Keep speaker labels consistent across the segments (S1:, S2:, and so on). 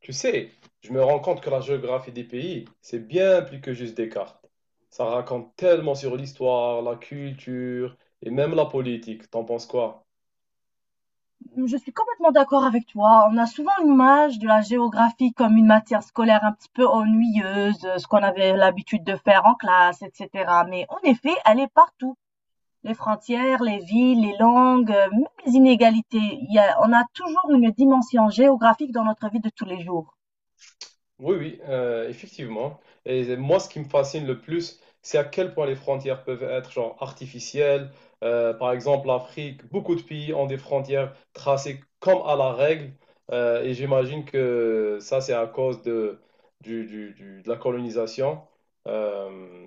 S1: Tu sais, je me rends compte que la géographie des pays, c'est bien plus que juste des cartes. Ça raconte tellement sur l'histoire, la culture et même la politique. T'en penses quoi?
S2: Je suis complètement d'accord avec toi. On a souvent l'image de la géographie comme une matière scolaire un petit peu ennuyeuse, ce qu'on avait l'habitude de faire en classe, etc. Mais en effet, elle est partout. Les frontières, les villes, les langues, même les inégalités. On a toujours une dimension géographique dans notre vie de tous les jours.
S1: Oui, oui, effectivement. Et moi, ce qui me fascine le plus, c'est à quel point les frontières peuvent être genre artificielles. Par exemple, l'Afrique, beaucoup de pays ont des frontières tracées comme à la règle. Et j'imagine que ça, c'est à cause de, du- de la colonisation. Euh,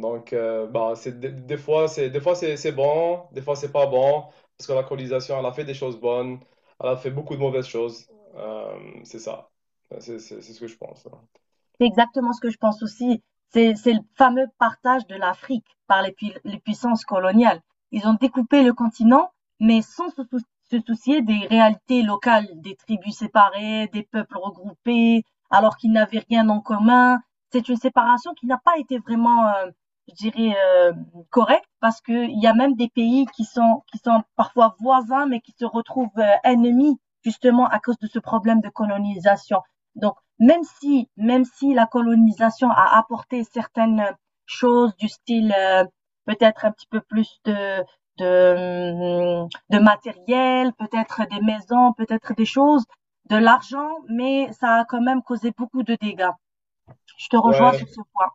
S1: Bah, des fois, des fois c'est bon, des fois, c'est pas bon. Parce que la colonisation, elle a fait des choses bonnes, elle a fait beaucoup de mauvaises choses. Euh, c'est ça. C'est ce que je pense, hein.
S2: C'est exactement ce que je pense aussi. C'est le fameux partage de l'Afrique par les puissances coloniales. Ils ont découpé le continent, mais sans se, sou- se soucier des réalités locales, des tribus séparées, des peuples regroupés, alors qu'ils n'avaient rien en commun. C'est une séparation qui n'a pas été vraiment, je dirais, correcte, parce qu'il y a même des pays qui sont parfois voisins, mais qui se retrouvent ennemis, justement, à cause de ce problème de colonisation. Donc, même si la colonisation a apporté certaines choses du style, peut-être un petit peu plus de de matériel, peut-être des maisons, peut-être des choses, de l'argent, mais ça a quand même causé beaucoup de dégâts. Je te rejoins sur
S1: Ouais,
S2: ce point.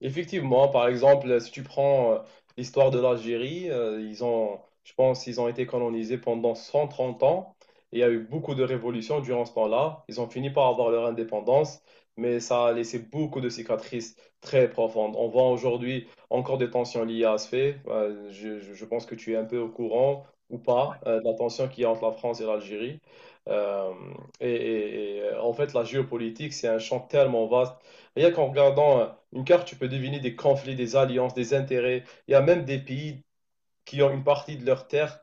S1: effectivement, par exemple, si tu prends l'histoire de l'Algérie, je pense, ils ont été colonisés pendant 130 ans. Et il y a eu beaucoup de révolutions durant ce temps-là. Ils ont fini par avoir leur indépendance, mais ça a laissé beaucoup de cicatrices très profondes. On voit aujourd'hui encore des tensions liées à ce fait. Je pense que tu es un peu au courant ou
S2: Ouais.
S1: pas de la tension qu'il y a entre la France et l'Algérie. Euh, En fait, la géopolitique, c'est un champ tellement vaste. Rien qu'en regardant une carte, tu peux deviner des conflits, des alliances, des intérêts. Il y a même des pays qui ont une partie de leurs terres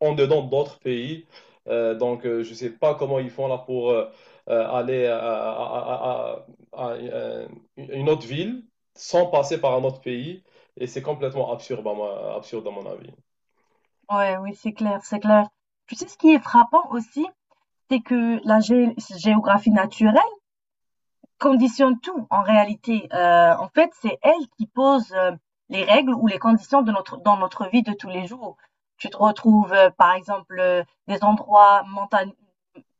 S1: en dedans d'autres pays. Je ne sais pas comment ils font là pour aller à une autre ville sans passer par un autre pays. Et c'est complètement absurde à mon avis.
S2: Ouais, oui, c'est clair, c'est clair. Tu sais, ce qui est frappant aussi, c'est que la gé géographie naturelle conditionne tout en réalité. En fait, c'est elle qui pose les règles ou les conditions de dans notre vie de tous les jours. Tu te retrouves, par exemple, des endroits montagneux,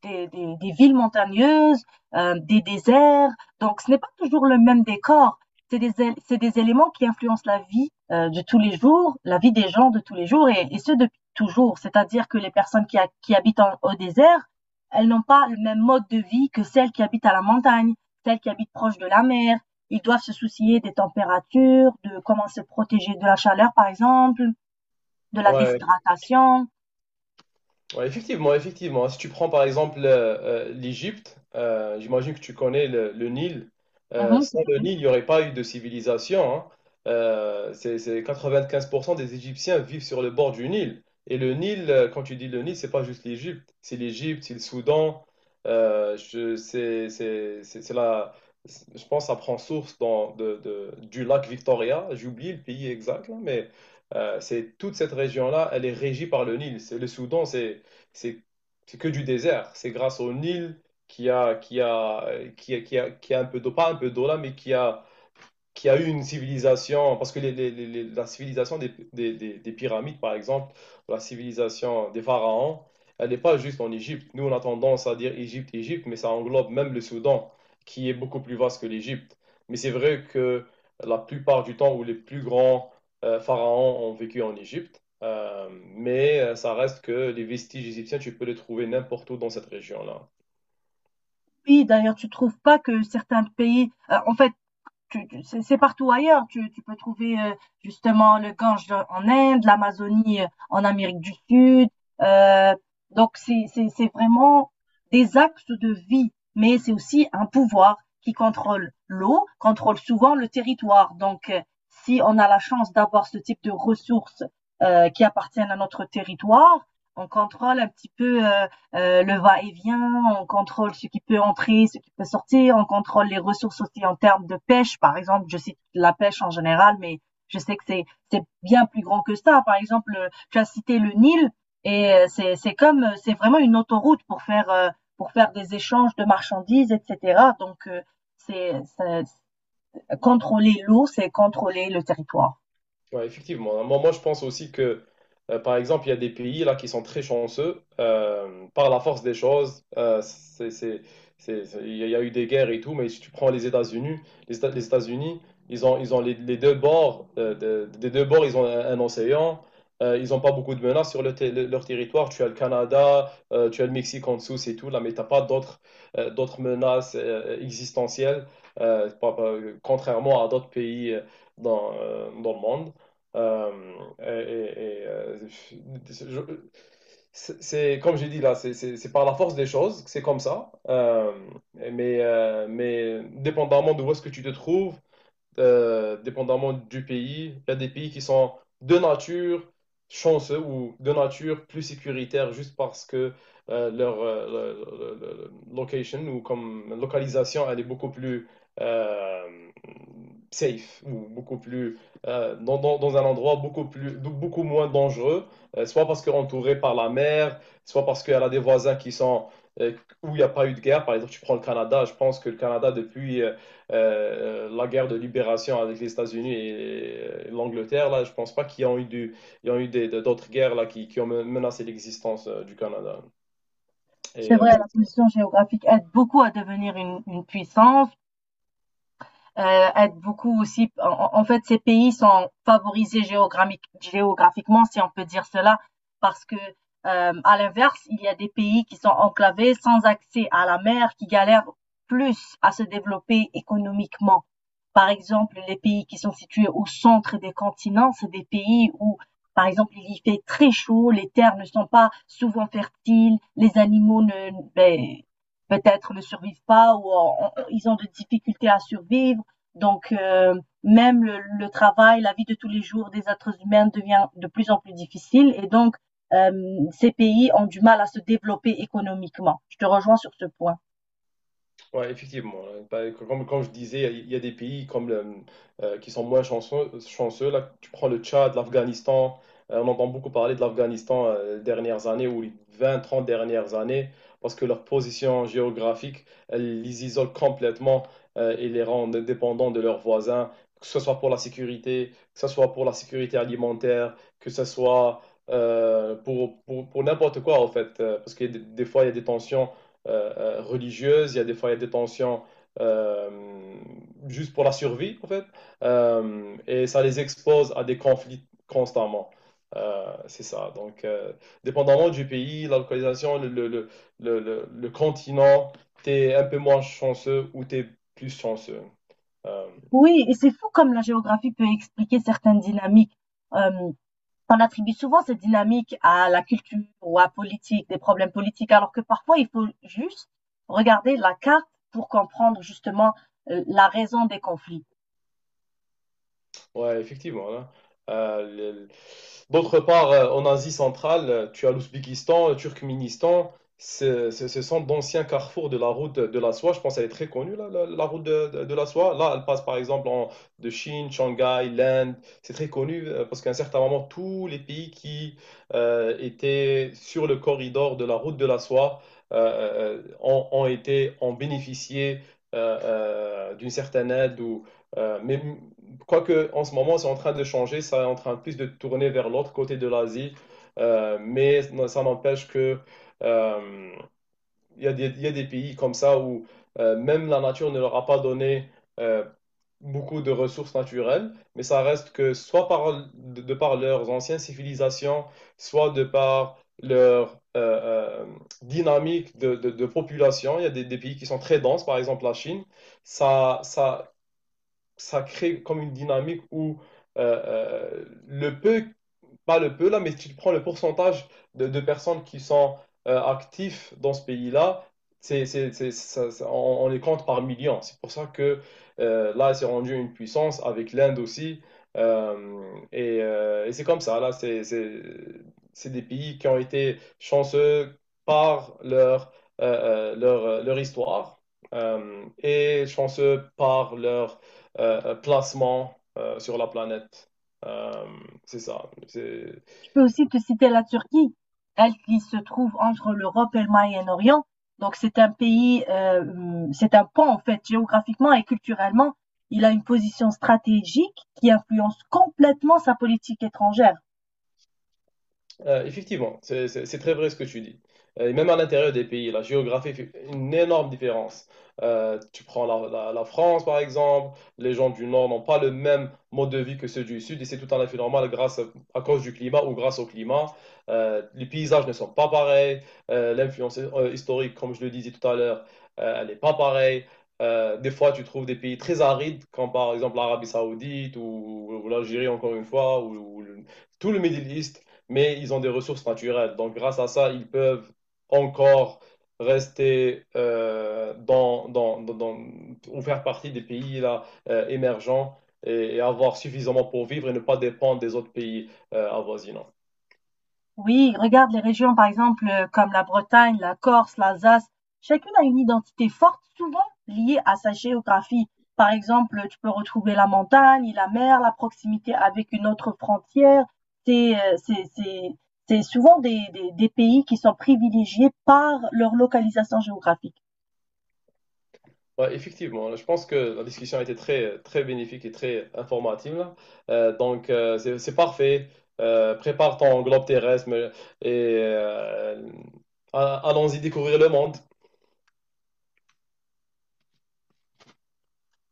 S2: des villes montagneuses, des déserts. Donc, ce n'est pas toujours le même décor. C'est des éléments qui influencent la vie de tous les jours, la vie des gens de tous les jours, et ce depuis toujours. C'est-à-dire que les personnes qui habitent au désert, elles n'ont pas le même mode de vie que celles qui habitent à la montagne, celles qui habitent proche de la mer. Ils doivent se soucier des températures, de comment se protéger de la chaleur, par exemple, de la
S1: Ouais,
S2: déshydratation.
S1: ouais, effectivement, effectivement. Si tu prends par exemple l'Égypte, j'imagine que tu connais le Nil.
S2: Mhm, tout
S1: Sans
S2: à
S1: le
S2: fait.
S1: Nil, il n'y aurait pas eu de civilisation, hein. C'est 95% des Égyptiens vivent sur le bord du Nil. Et le Nil, quand tu dis le Nil, c'est pas juste l'Égypte. C'est l'Égypte, c'est le Soudan. Je, c'est la, Je pense que ça prend source du lac Victoria. J'ai oublié le pays exact, là, mais c'est toute cette région-là, elle est régie par le Nil. C'est le Soudan, c'est c'est que du désert. C'est grâce au Nil qui a, qui a, qui a un peu d'eau, pas un peu d'eau là, mais qui a eu une civilisation, parce que la civilisation des pyramides, par exemple, ou la civilisation des pharaons, elle n'est pas juste en Égypte. Nous, on a tendance à dire Égypte, Égypte, mais ça englobe même le Soudan, qui est beaucoup plus vaste que l'Égypte. Mais c'est vrai que la plupart du temps où les plus grands pharaons ont vécu en Égypte, ça reste que les vestiges égyptiens, tu peux les trouver n'importe où dans cette région-là.
S2: Oui, d'ailleurs, tu trouves pas que certains pays, en fait, tu c'est partout ailleurs. Tu peux trouver, justement le Gange en Inde, l'Amazonie, en Amérique du Sud, heu, donc c'est c'est vraiment des axes de vie, mais c'est aussi un pouvoir qui contrôle l'eau, contrôle souvent le territoire, donc si on a la chance d'avoir ce type de ressources, qui appartiennent à notre territoire, on contrôle un petit peu, le va-et-vient, on contrôle ce qui peut entrer, ce qui peut sortir, on contrôle les ressources aussi en termes de pêche, par exemple, je cite la pêche en général, mais je sais que c'est bien plus grand que ça. Par exemple, tu as cité le Nil, et c'est comme, c'est vraiment une autoroute pour faire des échanges de marchandises, etc. Donc, c'est, c'est- contrôler l'eau, c'est contrôler le territoire.
S1: Ouais, effectivement. Moi, je pense aussi que, par exemple, il y a des pays là qui sont très chanceux par la force des choses. Il y a eu des guerres et tout, mais si tu prends les États-Unis, les États-Unis, ils ont les deux bords, des deux bords, ils ont un océan. Ils n'ont pas beaucoup de menaces sur leur territoire. Tu as le Canada, tu as le Mexique en dessous, c'est tout. Là, mais t'as pas d'autres d'autres menaces existentielles, contrairement à d'autres pays dans le monde. Euh, et, et, je- c'est comme j'ai dit là, c'est par la force des choses, c'est comme ça. Mais dépendamment de où est-ce que tu te trouves, dépendamment du pays. Il y a des pays qui sont de nature chanceux ou de nature plus sécuritaire juste parce que leur le- location ou comme localisation, elle est beaucoup plus euh, safe ou beaucoup plus dans un endroit beaucoup plus beaucoup moins dangereux, soit parce qu'elle est entourée par la mer, soit parce qu'elle a des voisins qui sont euh, où il n'y a pas eu de guerre. Par exemple, tu prends le Canada, je pense que le Canada depuis la guerre de libération avec les États-Unis et l'Angleterre, là, je pense pas qu'il y a il y a eu d'autres guerres là, qui ont menacé l'existence du Canada.
S2: C'est
S1: Et
S2: vrai, la
S1: c'est…
S2: position géographique aide beaucoup à devenir une puissance, aide beaucoup aussi. En fait, ces pays sont favorisés géographiquement, si on peut dire cela, parce que, à l'inverse, il y a des pays qui sont enclavés, sans accès à la mer, qui galèrent plus à se développer économiquement. Par exemple, les pays qui sont situés au centre des continents, c'est des pays où, par exemple, il y fait très chaud, les terres ne sont pas souvent fertiles, les animaux ne, ben, peut-être ne survivent pas ou ils ont des difficultés à survivre, donc, même travail, la vie de tous les jours des êtres humains devient de plus en plus difficile et donc, euh, ces pays ont du mal à se développer économiquement. Je te rejoins sur ce point.
S1: Ouais, effectivement. Comme je disais, il y a des pays comme qui sont moins chanceux, chanceux. Là, tu prends le Tchad, l'Afghanistan. On entend beaucoup parler de l'Afghanistan les dernières années ou les 20, 30 dernières années parce que leur position géographique, elle les isole complètement et les rend dépendants de leurs voisins, que ce soit pour la sécurité, que ce soit pour la sécurité alimentaire, que ce soit pour n'importe quoi, en fait. Parce que des fois, il y a des tensions religieuses, il y a des fois il y a des tensions euh, juste pour la survie en fait. Et ça les expose à des conflits constamment. C'est ça. Dépendamment du pays, la localisation, le continent, t'es un peu moins chanceux ou t'es plus chanceux. Euh,
S2: Oui, et c'est fou comme la géographie peut expliquer certaines dynamiques. Euh, on attribue souvent cette dynamique à la culture ou à la politique, des problèmes politiques, alors que parfois il faut juste regarder la carte pour comprendre justement la raison des conflits.
S1: Ouais, effectivement, hein. Euh, le- le- D'autre part, en Asie centrale, tu as l'Ouzbékistan, le Turkménistan. Ce sont d'anciens carrefours de la route de la soie. Je pense qu'elle est très connue, la route de la soie. Là, elle passe par exemple de Chine, Shanghai, l'Inde. C'est très connu parce qu'à un certain moment, tous les pays qui étaient sur le corridor de la route de la soie euh, ont bénéficié d'une certaine aide ou, mais je crois qu'en ce moment, c'est en train de changer, ça est en train plus de tourner vers l'autre côté de l'Asie, mais ça n'empêche que euh, il y a des pays comme ça où même la nature ne leur a pas donné euh, beaucoup de ressources naturelles, mais ça reste que soit par, de par leurs anciennes civilisations, soit de par leur euh, dynamique de population. Il y a des pays qui sont très denses, par exemple la Chine. Ça, ça, Ça crée comme une dynamique où le peu pas le peu là, mais si tu prends le pourcentage de personnes qui sont actifs dans ce pays-là, on les compte par millions. C'est pour ça que là, c'est rendu une puissance avec l'Inde aussi. Euh, et c'est comme ça, c'est des pays qui ont été chanceux par leur, leur histoire et chanceux par leur placement sur la planète. Euh, c'est ça. C'est…
S2: Je peux aussi te citer la Turquie, elle qui se trouve entre l'Europe et le Moyen-Orient. Donc c'est un pays, c'est un pont en fait, géographiquement et culturellement. Il a une position stratégique qui influence complètement sa politique étrangère.
S1: Effectivement, c'est très vrai ce que tu dis. Et même à l'intérieur des pays, la géographie fait une énorme différence. Tu prends la France, par exemple, les gens du Nord n'ont pas le même mode de vie que ceux du Sud, et c'est tout à fait normal grâce à cause du climat ou grâce au climat. Les paysages ne sont pas pareils. L'influence historique, comme je le disais tout à l'heure, elle n'est pas pareille. Des fois, tu trouves des pays très arides, comme par exemple l'Arabie Saoudite ou l'Algérie, encore une fois, tout le Middle East, mais ils ont des ressources naturelles. Donc, grâce à ça, ils peuvent encore rester ou faire partie des pays là, émergents et avoir suffisamment pour vivre et ne pas dépendre des autres pays avoisinants.
S2: Oui, regarde les régions, par exemple, comme la Bretagne, la Corse, l'Alsace. Chacune a une identité forte, souvent liée à sa géographie. Par exemple, tu peux retrouver la montagne, la mer, la proximité avec une autre frontière. C'est, c'est souvent des pays qui sont privilégiés par leur localisation géographique.
S1: Ouais, effectivement, je pense que la discussion a été très, très bénéfique et très informative là. C'est parfait. Prépare ton globe et allons-y découvrir le monde.